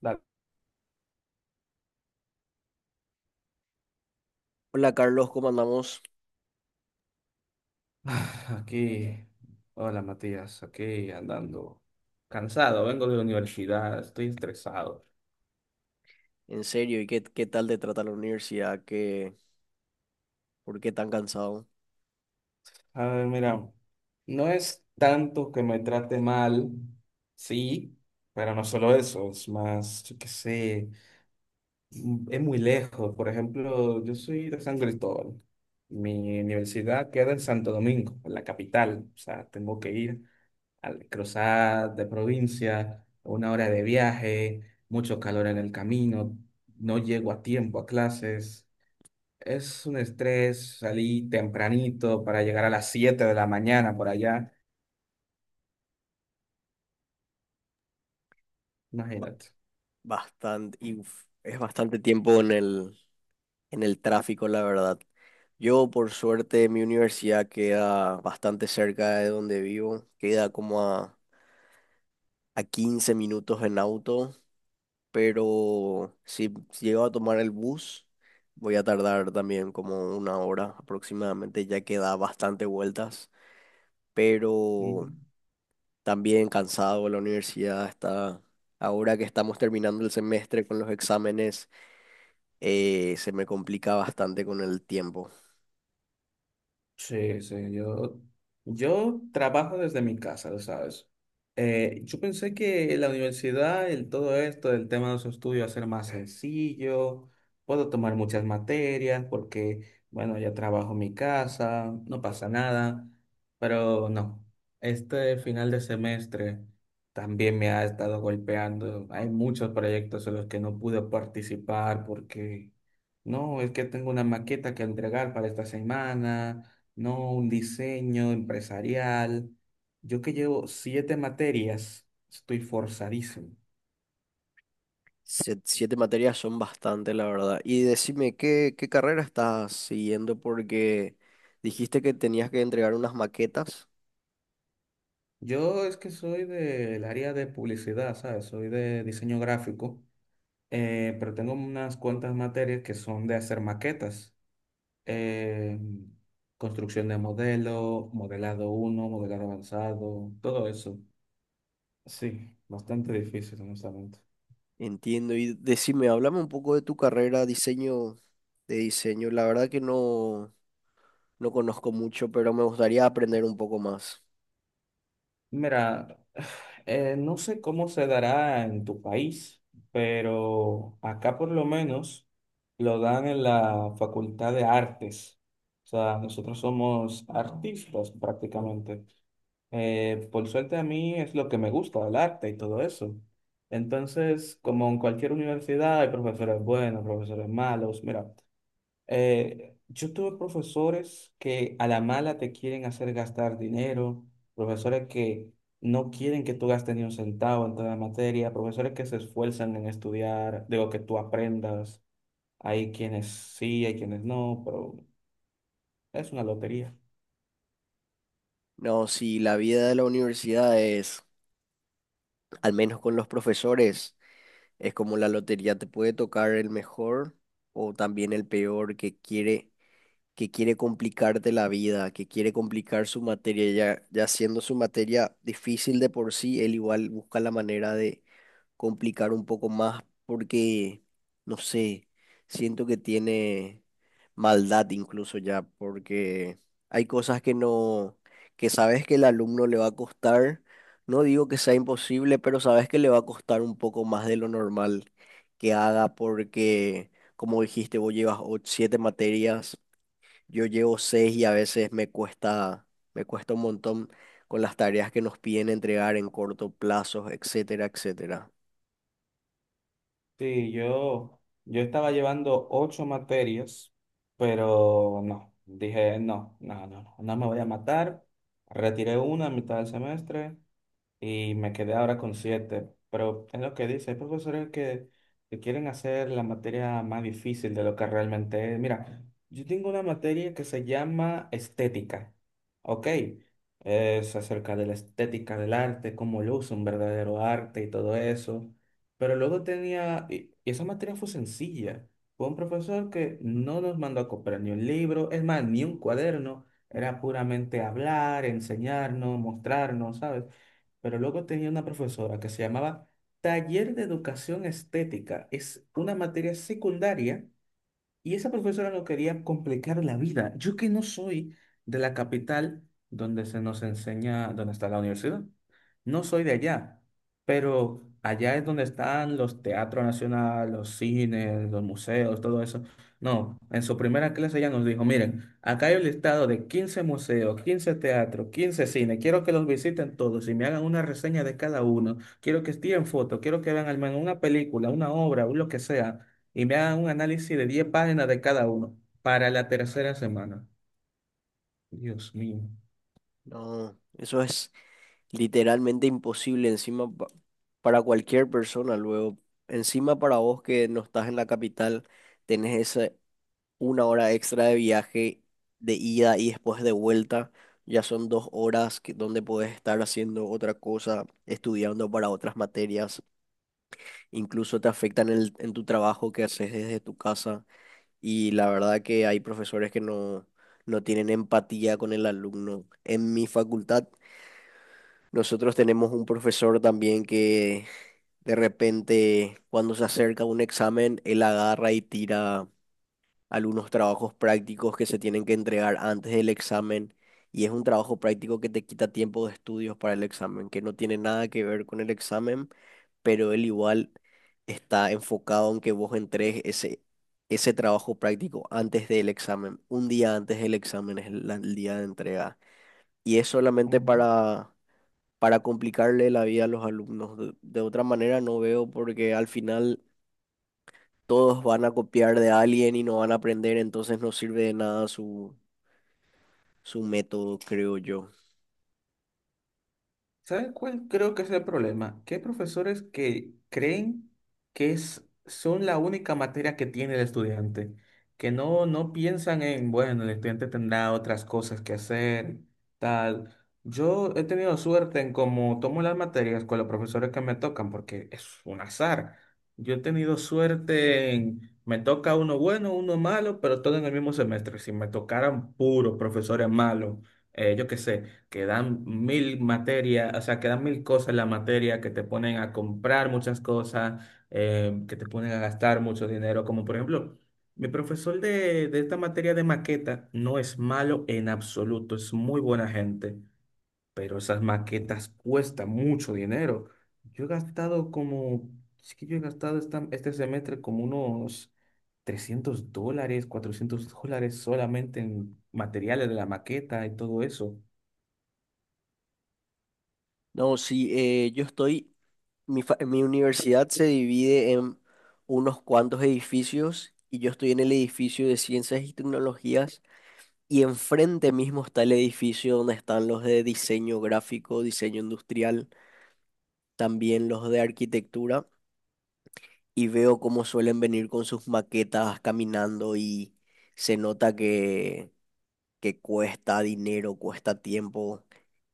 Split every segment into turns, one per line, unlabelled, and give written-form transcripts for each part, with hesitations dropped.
Dale,
Hola Carlos, ¿cómo andamos?
Aquí, hola Matías, aquí andando cansado, vengo de la universidad, estoy estresado.
En serio, ¿y qué tal te trata la universidad? ¿Qué, por qué tan cansado?
A ver, mira, no es tanto que me trate mal, sí, pero no solo eso, es más, yo qué sé, es muy lejos. Por ejemplo, yo soy de San Cristóbal, mi universidad queda en Santo Domingo, en la capital, o sea, tengo que ir, al cruzar de provincia, una hora de viaje, mucho calor en el camino, no llego a tiempo a clases. Es un estrés, salí tempranito para llegar a las 7 de la mañana por allá, imagínate.
Bastante, y uf, es bastante tiempo en el tráfico, la verdad. Yo, por suerte, mi universidad queda bastante cerca de donde vivo, queda a 15 minutos en auto, pero si llego a tomar el bus, voy a tardar también como una hora aproximadamente, ya que da bastante vueltas,
Ujú.
pero... También cansado, de la universidad está... Ahora que estamos terminando el semestre con los exámenes, se me complica bastante con el tiempo.
Sí, sí, yo trabajo desde mi casa, lo sabes. Yo pensé que la universidad, el todo esto, el tema de los estudios va a ser más sencillo, puedo tomar muchas materias porque, bueno, ya trabajo en mi casa, no pasa nada, pero no, este final de semestre también me ha estado golpeando. Hay muchos proyectos en los que no pude participar porque, no, es que tengo una maqueta que entregar para esta semana, no un diseño empresarial. Yo que llevo siete materias, estoy forzadísimo.
7 materias son bastante, la verdad. Y decime, qué carrera estás siguiendo? Porque dijiste que tenías que entregar unas maquetas.
Yo es que soy del área de publicidad, ¿sabes? Soy de diseño gráfico, pero tengo unas cuantas materias que son de hacer maquetas, eh, construcción de modelo, modelado uno modelado avanzado, todo eso. Sí, bastante difícil, honestamente.
Entiendo. Y decime, háblame un poco de tu carrera, diseño de diseño. La verdad que no conozco mucho, pero me gustaría aprender un poco más.
Mira, no sé cómo se dará en tu país, pero acá por lo menos lo dan en la Facultad de Artes. O sea, nosotros somos artistas prácticamente. Por suerte a mí es lo que me gusta, el arte y todo eso. Entonces, como en cualquier universidad, hay profesores buenos, profesores malos. Mira, yo tuve profesores que a la mala te quieren hacer gastar dinero, profesores que no quieren que tú gastes ni un centavo en toda la materia, profesores que se esfuerzan en estudiar, digo, que tú aprendas. Hay quienes sí, hay quienes no, pero es una lotería.
No, sí, la vida de la universidad es... Al menos con los profesores, es como la lotería, te puede tocar el mejor o también el peor que quiere complicarte la vida, que quiere complicar su materia, ya siendo su materia difícil de por sí, él igual busca la manera de complicar un poco más porque, no sé, siento que tiene maldad incluso ya, porque hay cosas que no, que sabes que el alumno le va a costar, no digo que sea imposible, pero sabes que le va a costar un poco más de lo normal que haga porque, como dijiste, vos llevas 7 materias, yo llevo 6 y a veces me cuesta un montón con las tareas que nos piden entregar en corto plazo, etcétera, etcétera.
Sí, yo, estaba llevando ocho materias, pero no, dije, no, no, no, no, no me voy a matar. Retiré una a mitad del semestre y me quedé ahora con siete. Pero es lo que dice, hay profesores que quieren hacer la materia más difícil de lo que realmente es. Mira, yo tengo una materia que se llama estética, ¿ok? Es acerca de la estética del arte, cómo luce un verdadero arte y todo eso. Pero luego tenía, y esa materia fue sencilla. Fue un profesor que no nos mandó a comprar ni un libro, es más, ni un cuaderno. Era puramente hablar, enseñarnos, mostrarnos, ¿sabes? Pero luego tenía una profesora que se llamaba Taller de Educación Estética. Es una materia secundaria y esa profesora no quería complicar la vida. Yo que no soy de la capital donde se nos enseña, donde está la universidad. No soy de allá, pero allá es donde están los teatros nacionales, los cines, los museos, todo eso. No, en su primera clase ella nos dijo, miren, acá hay un listado de 15 museos, 15 teatros, 15 cines, quiero que los visiten todos y me hagan una reseña de cada uno, quiero que estén fotos, quiero que vean al menos una película, una obra, o lo que sea y me hagan un análisis de 10 páginas de cada uno para la tercera semana. Dios mío.
No, eso es literalmente imposible encima para cualquier persona luego. Encima para vos que no estás en la capital, tenés esa una hora extra de viaje de ida y después de vuelta. Ya son 2 horas que, donde podés estar haciendo otra cosa, estudiando para otras materias. Incluso te afectan en, en tu trabajo que haces desde tu casa. Y la verdad que hay profesores que no, no tienen empatía con el alumno. En mi facultad nosotros tenemos un profesor también que de repente cuando se acerca un examen, él agarra y tira algunos trabajos prácticos que se tienen que entregar antes del examen, y es un trabajo práctico que te quita tiempo de estudios para el examen, que no tiene nada que ver con el examen, pero él igual está enfocado en que vos entregues ese trabajo práctico antes del examen. Un día antes del examen es el día de entrega. Y es solamente
Ujú.
para complicarle la vida a los alumnos. De otra manera no veo, porque al final todos van a copiar de alguien y no van a aprender, entonces no sirve de nada su método, creo yo.
¿Saben cuál creo que es el problema? Que hay profesores que creen que son la única materia que tiene el estudiante, que no, no piensan en, bueno, el estudiante tendrá otras cosas que hacer, tal. Yo he tenido suerte en cómo tomo las materias con los profesores que me tocan, porque es un azar. Yo he tenido suerte en, me toca uno bueno, uno malo, pero todo en el mismo semestre. Si me tocaran puros profesores malos, yo qué sé que dan mil materias, o sea, que dan mil cosas en la materia, que te ponen a comprar muchas cosas, que te ponen a gastar mucho dinero, como por ejemplo, mi profesor de esta materia de maqueta no es malo en absoluto, es muy buena gente, pero esas maquetas cuestan mucho dinero. Yo he gastado como, es que yo he gastado este semestre como unos $300, $400 solamente en materiales de la maqueta y todo eso.
No, sí, yo estoy, mi universidad se divide en unos cuantos edificios y yo estoy en el edificio de ciencias y tecnologías. Y enfrente mismo está el edificio donde están los de diseño gráfico, diseño industrial, también los de arquitectura. Y veo cómo suelen venir con sus maquetas caminando y se nota que cuesta dinero, cuesta tiempo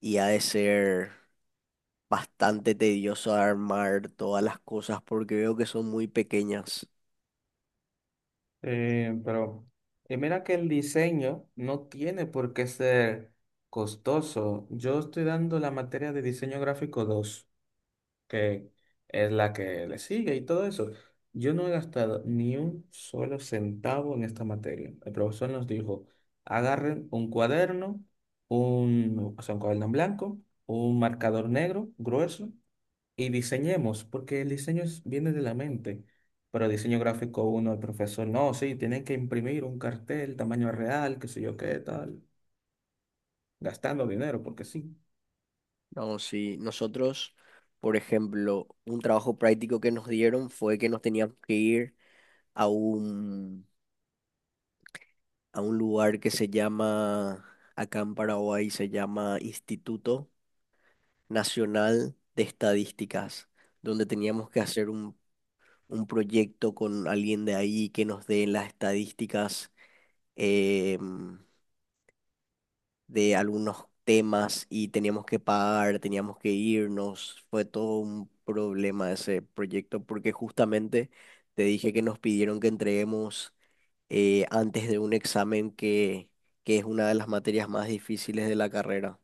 y ha de ser bastante tedioso armar todas las cosas porque veo que son muy pequeñas.
Pero mira que el diseño no tiene por qué ser costoso. Yo estoy dando la materia de diseño gráfico 2, que es la que le sigue y todo eso. Yo no he gastado ni un solo centavo en esta materia. El profesor nos dijo, agarren un cuaderno, un, o sea, un cuaderno en blanco, un marcador negro grueso y diseñemos, porque el diseño viene de la mente. Pero diseño gráfico uno, el profesor, no, sí, tienen que imprimir un cartel, tamaño real, qué sé yo qué, tal, gastando dinero, porque sí.
No, sí, nosotros, por ejemplo, un trabajo práctico que nos dieron fue que nos teníamos que ir a un, a un lugar que se llama, acá en Paraguay se llama Instituto Nacional de Estadísticas, donde teníamos que hacer un proyecto con alguien de ahí que nos dé las estadísticas, em, de algunos temas, y teníamos que pagar, teníamos que irnos. Fue todo un problema ese proyecto porque justamente te dije que nos pidieron que entreguemos, antes de un examen que es una de las materias más difíciles de la carrera.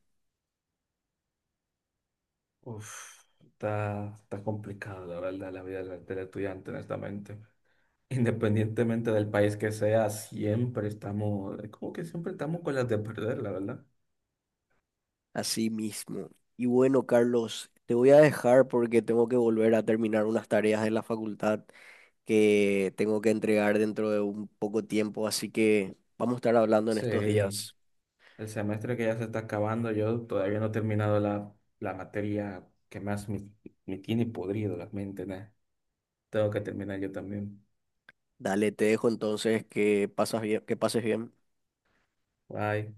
Uf, está complicado, la verdad, la vida del estudiante, honestamente. Independientemente del país que sea, siempre estamos, como que siempre estamos con las de perder, la verdad.
Así mismo. Y bueno, Carlos, te voy a dejar porque tengo que volver a terminar unas tareas en la facultad que tengo que entregar dentro de un poco tiempo, así que vamos a estar hablando en
Sí.
estos días.
El semestre que ya se está acabando, yo todavía no he terminado la materia que más me tiene podrido la mente, ¿no? Tengo que terminar yo también.
Dale, te dejo entonces que que pases bien.
Bye.